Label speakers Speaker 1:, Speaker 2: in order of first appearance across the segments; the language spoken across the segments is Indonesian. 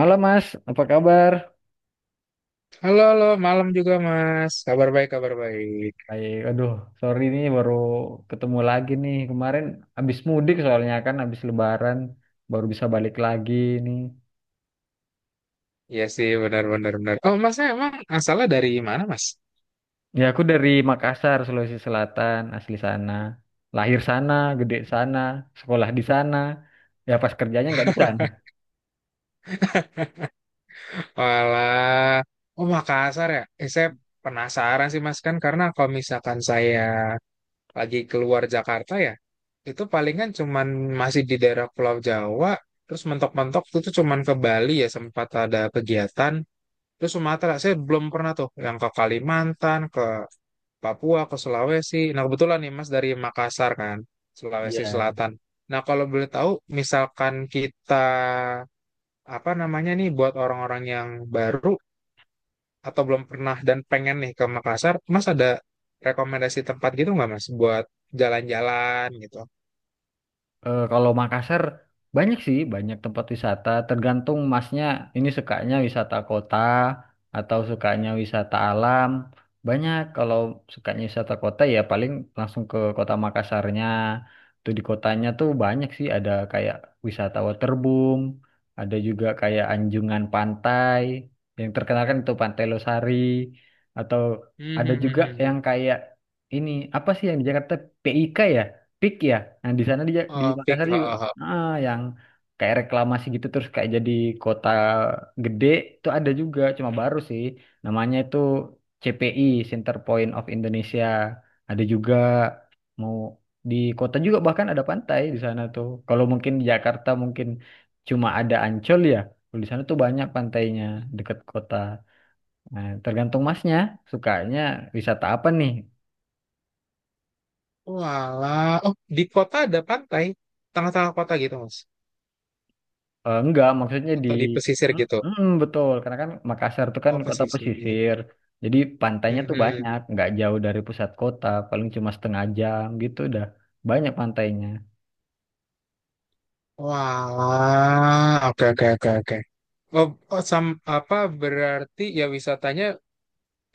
Speaker 1: Malam Mas, apa kabar?
Speaker 2: Halo, halo, malam juga Mas. Kabar baik, kabar baik.
Speaker 1: Baik, aduh, sorry nih baru ketemu lagi nih. Kemarin habis mudik soalnya kan habis lebaran baru bisa balik lagi nih.
Speaker 2: Iya sih, benar, benar, benar. Oh, Mas, emang asalnya dari mana, Mas?
Speaker 1: Ya aku dari Makassar, Sulawesi Selatan, asli sana. Lahir sana, gede sana, sekolah di sana. Ya pas kerjanya nggak di sana.
Speaker 2: Walah, oh Makassar ya. Saya penasaran sih, Mas, kan karena kalau misalkan saya lagi keluar Jakarta ya, itu palingan cuman masih di daerah Pulau Jawa, terus mentok-mentok itu tuh cuman ke Bali ya sempat ada kegiatan. Terus Sumatera, saya belum pernah tuh yang ke Kalimantan, Papua ke Sulawesi. Nah, kebetulan nih Mas dari Makassar kan, Sulawesi
Speaker 1: Iya.
Speaker 2: Selatan. Nah, kalau boleh tahu, misalkan kita apa namanya nih buat orang-orang yang baru atau belum pernah dan pengen nih ke Makassar, Mas ada rekomendasi tempat gitu nggak Mas buat jalan-jalan gitu?
Speaker 1: Kalau Makassar banyak sih, banyak tempat wisata. Tergantung masnya ini sukanya wisata kota atau sukanya wisata alam. Banyak kalau sukanya wisata kota ya paling langsung ke kota Makassarnya. Tuh di kotanya tuh banyak sih, ada kayak wisata waterboom, ada juga kayak anjungan pantai yang terkenal kan itu Pantai Losari, atau
Speaker 2: Hmm,
Speaker 1: ada
Speaker 2: hmm,
Speaker 1: juga
Speaker 2: hmm,
Speaker 1: yang
Speaker 2: hmm.
Speaker 1: kayak ini, apa sih yang di Jakarta, PIK ya? Pik ya. Nah, di sana di di
Speaker 2: Oh, pik,
Speaker 1: Makassar
Speaker 2: ha,
Speaker 1: juga,
Speaker 2: ha, ha.
Speaker 1: yang kayak reklamasi gitu, terus kayak jadi kota gede itu ada juga, cuma baru sih. Namanya itu CPI, Center Point of Indonesia. Ada juga, mau di kota juga bahkan ada pantai di sana tuh. Kalau mungkin di Jakarta mungkin cuma ada Ancol ya. Kalau di sana tuh banyak pantainya, deket kota. Nah, tergantung masnya sukanya wisata apa nih.
Speaker 2: Walah, oh di kota ada pantai, tengah-tengah kota gitu Mas,
Speaker 1: Enggak, maksudnya di,
Speaker 2: atau di pesisir gitu?
Speaker 1: Betul, karena kan Makassar itu kan
Speaker 2: Oh
Speaker 1: kota
Speaker 2: pesisir.
Speaker 1: pesisir. Jadi pantainya
Speaker 2: Hmm,
Speaker 1: tuh banyak,
Speaker 2: hmm.
Speaker 1: nggak jauh dari pusat kota, paling cuma setengah jam gitu udah banyak pantainya.
Speaker 2: Wah, oke oke oke oke. Oh, oh, sam apa berarti ya wisatanya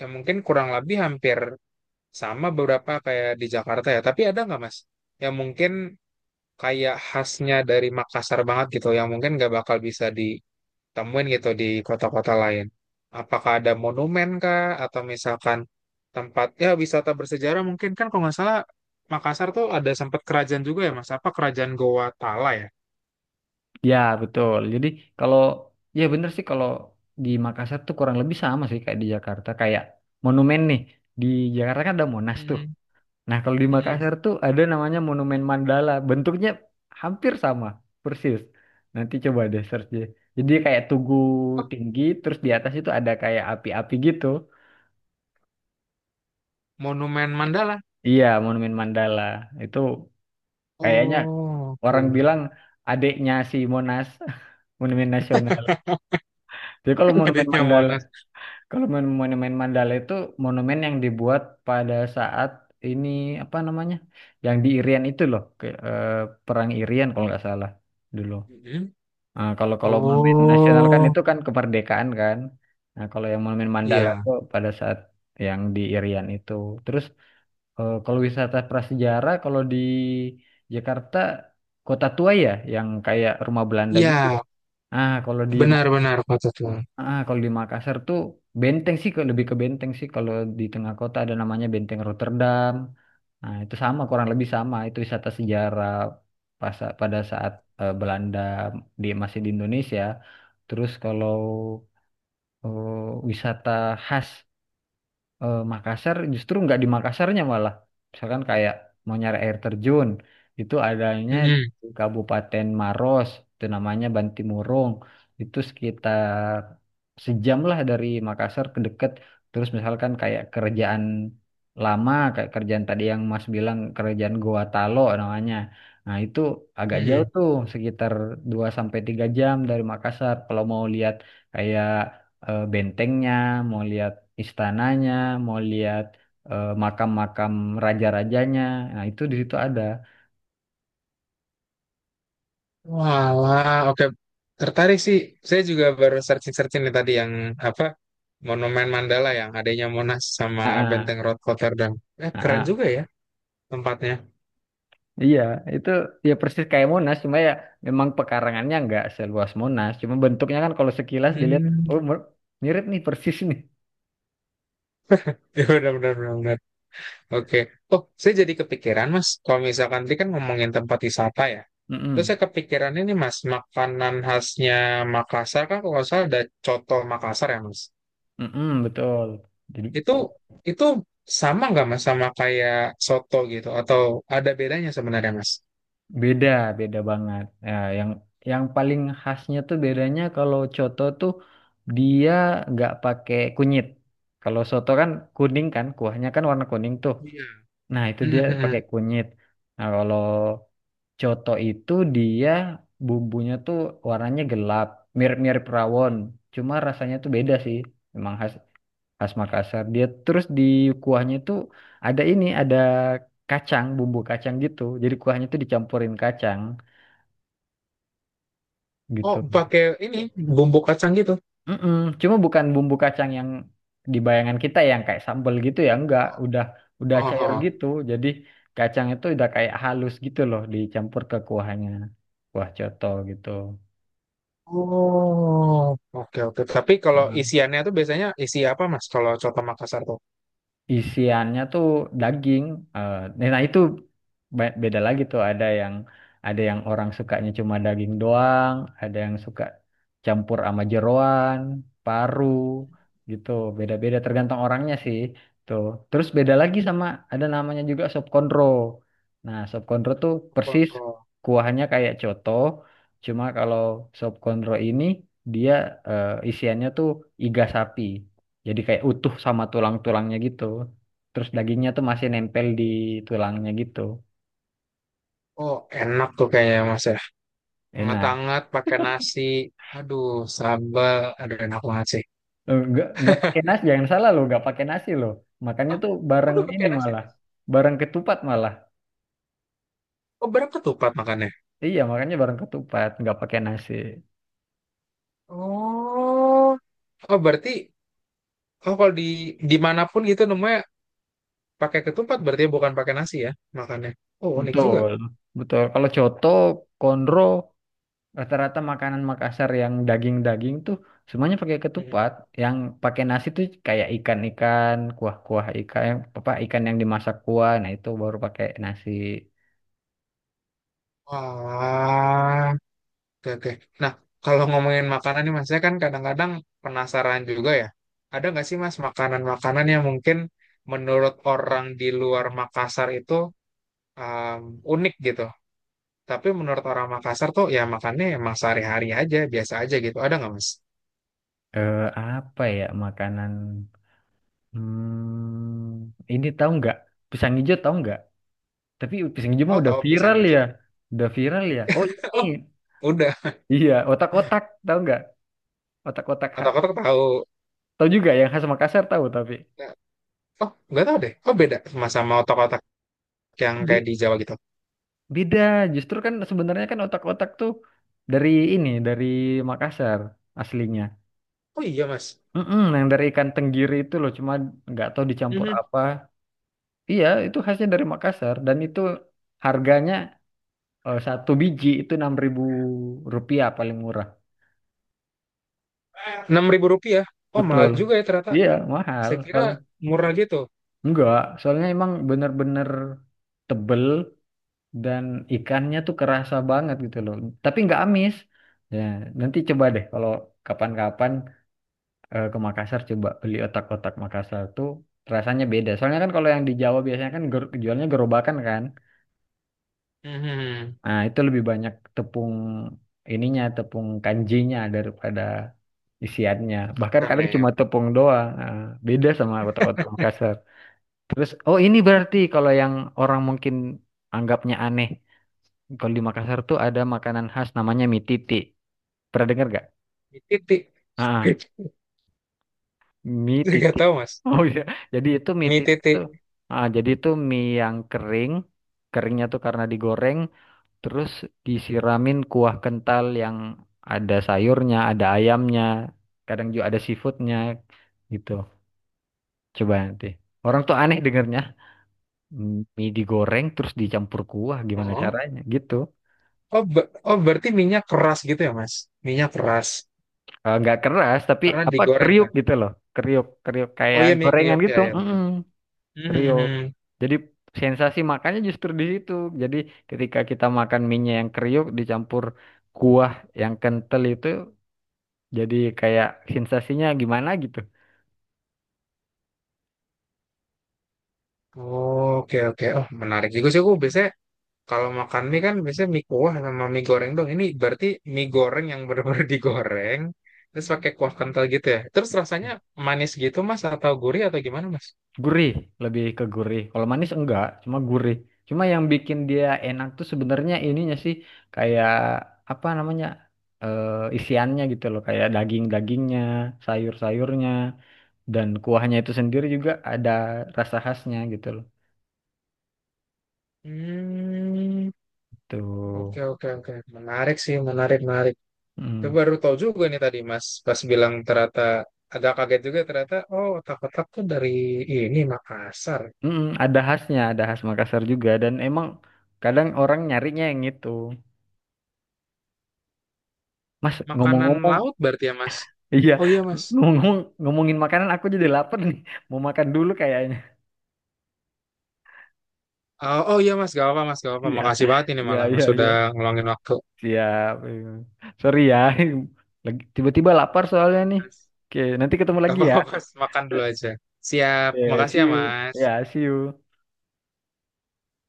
Speaker 2: ya mungkin kurang lebih hampir sama beberapa kayak di Jakarta ya. Tapi ada nggak Mas yang mungkin kayak khasnya dari Makassar banget gitu yang mungkin nggak bakal bisa ditemuin gitu di kota-kota lain. Apakah ada monumen kah atau misalkan tempat ya wisata bersejarah mungkin kan kalau nggak salah Makassar tuh ada sempat kerajaan juga ya Mas. Apa kerajaan Goa Tala ya?
Speaker 1: Ya, betul. Jadi kalau ya bener sih, kalau di Makassar tuh kurang lebih sama sih kayak di Jakarta, kayak monumen nih. Di Jakarta kan ada Monas tuh.
Speaker 2: Mm-mm,
Speaker 1: Nah, kalau di
Speaker 2: mm-mm.
Speaker 1: Makassar tuh ada namanya Monumen Mandala. Bentuknya hampir sama, persis. Nanti coba deh search deh. Jadi kayak tugu tinggi, terus di atas itu ada kayak api-api gitu.
Speaker 2: Monumen Mandala.
Speaker 1: Iya, Monumen Mandala. Itu kayaknya
Speaker 2: Oh,
Speaker 1: orang
Speaker 2: oke.
Speaker 1: bilang adiknya si Monas, Monumen Nasional. Jadi kalau Monumen
Speaker 2: Adanya
Speaker 1: Mandala,
Speaker 2: Monas.
Speaker 1: kalau Monumen Mandala itu monumen yang dibuat pada saat ini, apa namanya? Yang di Irian itu loh, Perang Irian kalau nggak salah dulu.
Speaker 2: Mhm.
Speaker 1: Nah, kalau kalau monumen nasional kan
Speaker 2: Oh,
Speaker 1: itu kan kemerdekaan kan. Nah, kalau yang monumen Mandala
Speaker 2: iya.
Speaker 1: tuh pada saat yang di Irian itu. Terus kalau wisata prasejarah, kalau di Jakarta Kota Tua ya, yang kayak rumah Belanda gitu.
Speaker 2: Iya,
Speaker 1: Ya. Ah, kalau di
Speaker 2: benar-benar kota tua.
Speaker 1: kalau di Makassar tuh benteng sih, lebih ke benteng sih, kalau di tengah kota ada namanya Benteng Rotterdam. Nah, itu sama, kurang lebih sama. Itu wisata sejarah pas pada saat Belanda di masih di Indonesia. Terus kalau wisata khas Makassar, justru nggak di Makassarnya, malah misalkan kayak mau nyari air terjun, itu adanya
Speaker 2: Mhm,
Speaker 1: di Kabupaten Maros, itu namanya Bantimurung. Itu sekitar sejam lah dari Makassar ke deket. Terus misalkan kayak kerjaan lama, kayak kerjaan tadi yang Mas bilang, kerjaan Goa Talo namanya, nah itu agak jauh
Speaker 2: mhm.
Speaker 1: tuh, sekitar 2 sampai 3 jam dari Makassar, kalau mau lihat kayak bentengnya, mau lihat istananya, mau lihat makam-makam raja-rajanya. Nah, itu di situ ada.
Speaker 2: Walah, oke. Tertarik sih. Saya juga baru searching-searching nih tadi yang apa Monumen Mandala yang adanya Monas sama
Speaker 1: Ah, ah,
Speaker 2: Benteng Rood Rotterdam.
Speaker 1: ah,
Speaker 2: Keren
Speaker 1: ah.
Speaker 2: juga ya tempatnya.
Speaker 1: Iya, itu ya persis kayak Monas, cuma ya memang pekarangannya nggak seluas Monas. Cuma bentuknya kan kalau sekilas dilihat,
Speaker 2: Hmm.
Speaker 1: oh mer- mirip nih persis nih.
Speaker 2: Ya, benar-benar Oke. Oh, saya jadi kepikiran, Mas. Kalau misalkan tadi kan ngomongin tempat wisata ya. Terus
Speaker 1: Mm-mm,
Speaker 2: saya kepikiran ini, Mas, makanan khasnya Makassar kan kalau nggak salah ada coto Makassar ya, Mas.
Speaker 1: mm-mm, betul. Jadi
Speaker 2: Itu itu sama nggak, Mas, sama kayak soto gitu? Atau ada bedanya sebenarnya, Mas?
Speaker 1: beda, beda banget. Ya, yang yang paling khasnya tuh bedanya, kalau coto tuh dia nggak pakai kunyit. Kalau soto kan kuning kan, kuahnya kan warna kuning tuh.
Speaker 2: Iya.
Speaker 1: Nah, itu dia pakai
Speaker 2: Mhm.
Speaker 1: kunyit. Nah, kalau coto itu dia bumbunya tuh warnanya gelap, mirip-mirip rawon. Cuma rasanya tuh beda sih. Memang khas, khas Makassar. Dia terus di kuahnya tuh ada ini, ada kacang, bumbu kacang gitu. Jadi kuahnya tuh dicampurin kacang
Speaker 2: Oh,
Speaker 1: gitu.
Speaker 2: pakai ini bumbu kacang gitu.
Speaker 1: Mm-mm. Cuma bukan bumbu kacang yang di bayangan kita yang kayak sambal gitu ya, enggak, udah
Speaker 2: Oh,
Speaker 1: cair
Speaker 2: oh.
Speaker 1: gitu. Jadi kacang itu udah kayak halus gitu loh, dicampur ke kuahnya. Kuah coto gitu.
Speaker 2: Oh, oke oke. Tapi kalau isiannya tuh biasanya isi apa, Mas? Kalau coto Makassar tuh?
Speaker 1: Isiannya tuh daging. eh, nah itu Beda lagi tuh, ada yang, orang sukanya cuma daging doang, ada yang suka campur sama jeroan, paru gitu. Beda-beda tergantung orangnya sih tuh. Terus beda lagi sama, ada namanya juga sop konro. Nah, sop konro tuh persis
Speaker 2: Lontong.
Speaker 1: kuahnya kayak coto, cuma kalau sop konro ini dia isiannya tuh iga sapi. Jadi kayak utuh sama tulang-tulangnya gitu. Terus dagingnya tuh masih nempel di tulangnya gitu.
Speaker 2: Oh, enak tuh kayaknya Mas ya.
Speaker 1: Enak.
Speaker 2: Hangat-hangat pakai nasi. Aduh, sambal. Aduh, enak banget sih.
Speaker 1: Nggak pakai nasi, jangan salah loh, nggak pakai nasi loh. Makannya tuh
Speaker 2: Oh,
Speaker 1: bareng
Speaker 2: udah
Speaker 1: ini
Speaker 2: pakai nasi.
Speaker 1: malah,
Speaker 2: Mas?
Speaker 1: bareng ketupat malah.
Speaker 2: Oh, berapa tuh Pat makannya?
Speaker 1: Iya, makanya bareng ketupat, nggak pakai nasi.
Speaker 2: Oh, oh berarti oh kalau di dimanapun gitu namanya pakai ketupat berarti ya bukan pakai nasi ya makannya. Oh, unik juga.
Speaker 1: Betul, betul. Kalau coto, konro, rata-rata makanan Makassar yang daging-daging tuh semuanya pakai
Speaker 2: Mhm.
Speaker 1: ketupat. Yang pakai nasi tuh kayak ikan-ikan, kuah-kuah ikan, apa ikan yang dimasak kuah, nah itu baru pakai nasi.
Speaker 2: Wah, oke oke. Nah, kalau ngomongin makanan nih Mas, saya kan kadang-kadang penasaran juga ya. Ada nggak sih Mas makanan-makanan yang mungkin menurut orang di luar Makassar itu um, unik gitu. Tapi menurut orang Makassar tuh ya makannya emang sehari-hari aja, biasa aja gitu. Ada nggak mas?
Speaker 1: Apa ya makanan? Hmm, ini tahu nggak? Pisang hijau tahu nggak? Tapi pisang hijau mah
Speaker 2: Oh
Speaker 1: udah
Speaker 2: tahu pisang
Speaker 1: viral ya,
Speaker 2: hijau.
Speaker 1: udah viral ya. Oh ini,
Speaker 2: Oh udah.
Speaker 1: iya, otak-otak tahu nggak? Otak-otak ha.
Speaker 2: Otak-otak tahu.
Speaker 1: Tahu juga yang khas Makassar, tahu tapi
Speaker 2: Nah, Oh nggak tahu deh. Oh beda sama sama otak-otak yang kayak di
Speaker 1: Be-
Speaker 2: Jawa gitu.
Speaker 1: beda. Justru kan sebenarnya kan otak-otak tuh dari ini, dari Makassar aslinya.
Speaker 2: Oh iya mas.
Speaker 1: Mm-mm, yang dari ikan tenggiri itu loh, cuma nggak tahu dicampur apa. Iya, itu khasnya dari Makassar, dan itu harganya, satu biji itu Rp6.000 paling murah.
Speaker 2: Rp6.000. Oh mahal
Speaker 1: Betul.
Speaker 2: juga ya ternyata.
Speaker 1: Iya, mahal.
Speaker 2: Saya kira
Speaker 1: Soalnya,
Speaker 2: murah gitu.
Speaker 1: enggak, soalnya emang bener-bener tebel dan ikannya tuh kerasa banget gitu loh. Tapi enggak amis. Ya, nanti coba deh kalau kapan-kapan ke Makassar coba beli otak-otak Makassar, tuh rasanya beda. Soalnya kan kalau yang di Jawa biasanya kan jualnya gerobakan kan.
Speaker 2: Mhm.
Speaker 1: Nah, itu lebih banyak tepung ininya, tepung kanjinya daripada isiannya, bahkan
Speaker 2: Kan
Speaker 1: kadang
Speaker 2: ya.
Speaker 1: cuma tepung doang. Nah, beda sama otak-otak Makassar. Terus, oh ini berarti kalau yang orang mungkin anggapnya aneh, kalau di Makassar tuh ada makanan khas namanya mie titik, pernah dengar gak?
Speaker 2: Mie titik.
Speaker 1: ah ah, Mie
Speaker 2: Gak
Speaker 1: titik.
Speaker 2: tahu mas.
Speaker 1: Oh iya, jadi itu mie
Speaker 2: Mie
Speaker 1: titik itu,
Speaker 2: titik.
Speaker 1: jadi itu mie yang kering. Keringnya tuh karena digoreng, terus disiramin kuah kental yang ada sayurnya, ada ayamnya, kadang juga ada seafoodnya gitu. Coba nanti. Orang tuh aneh dengernya. Mie digoreng terus dicampur kuah. Gimana
Speaker 2: Oh,
Speaker 1: caranya? Gitu.
Speaker 2: oh, be- oh berarti minyak keras gitu ya mas? Minyak keras.
Speaker 1: Nggak keras, tapi
Speaker 2: Karena
Speaker 1: apa,
Speaker 2: digoreng
Speaker 1: kriuk
Speaker 2: kan?
Speaker 1: gitu loh. Kriuk, kriuk
Speaker 2: Oh
Speaker 1: kayak
Speaker 2: iya Miki
Speaker 1: gorengan
Speaker 2: Yogya
Speaker 1: gitu.
Speaker 2: ya
Speaker 1: Mm-mm,
Speaker 2: benar.
Speaker 1: kriuk.
Speaker 2: Mhm.
Speaker 1: Jadi sensasi makannya justru di situ. Jadi ketika kita makan mie yang kriuk dicampur kuah yang kental itu, jadi kayak sensasinya gimana gitu.
Speaker 2: Oh, Oke oke. Oh menarik juga sih. Aku biasanya kalau makan mie kan biasanya mie kuah sama mie goreng dong. Ini berarti mie goreng yang benar-benar digoreng terus pakai kuah kental gitu ya. Terus rasanya manis gitu Mas atau gurih atau gimana Mas?
Speaker 1: Gurih, lebih ke gurih. Kalau manis enggak, cuma gurih. Cuma yang bikin dia enak tuh sebenarnya ininya sih, kayak apa namanya? eh, Isiannya gitu loh, kayak daging-dagingnya, sayur-sayurnya, dan kuahnya itu sendiri juga ada rasa khasnya gitu loh.
Speaker 2: Hmm.
Speaker 1: Tuh.
Speaker 2: Oke oke oke. Menarik sih menarik menarik. Itu
Speaker 1: Mm.
Speaker 2: baru tahu juga nih tadi Mas pas bilang ternyata agak kaget juga ternyata oh otak-otak tuh dari ini Makassar.
Speaker 1: Mm-mm, ada khasnya, ada khas Makassar juga, dan emang kadang orang nyarinya yang itu. Mas,
Speaker 2: Makanan
Speaker 1: ngomong-ngomong,
Speaker 2: laut berarti ya, Mas.
Speaker 1: iya,
Speaker 2: Oh iya, Mas.
Speaker 1: ngomong ngomongin makanan aku jadi lapar nih. Mau makan dulu kayaknya.
Speaker 2: Oh iya, Mas. Gak apa-apa, Mas. Gak apa-apa.
Speaker 1: Iya,
Speaker 2: Makasih banget ini
Speaker 1: iya,
Speaker 2: malah, Mas.
Speaker 1: iya, iya.
Speaker 2: Sudah ngeluangin waktu.
Speaker 1: Siap. Iya. Sorry ya, lagi tiba-tiba lapar soalnya
Speaker 2: Aman,
Speaker 1: nih.
Speaker 2: Mas.
Speaker 1: Oke, nanti ketemu
Speaker 2: Gak
Speaker 1: lagi ya.
Speaker 2: apa-apa, Mas. Makan dulu aja. Siap.
Speaker 1: Oke,
Speaker 2: Makasih
Speaker 1: see
Speaker 2: ya,
Speaker 1: you.
Speaker 2: Mas.
Speaker 1: Ya, see you.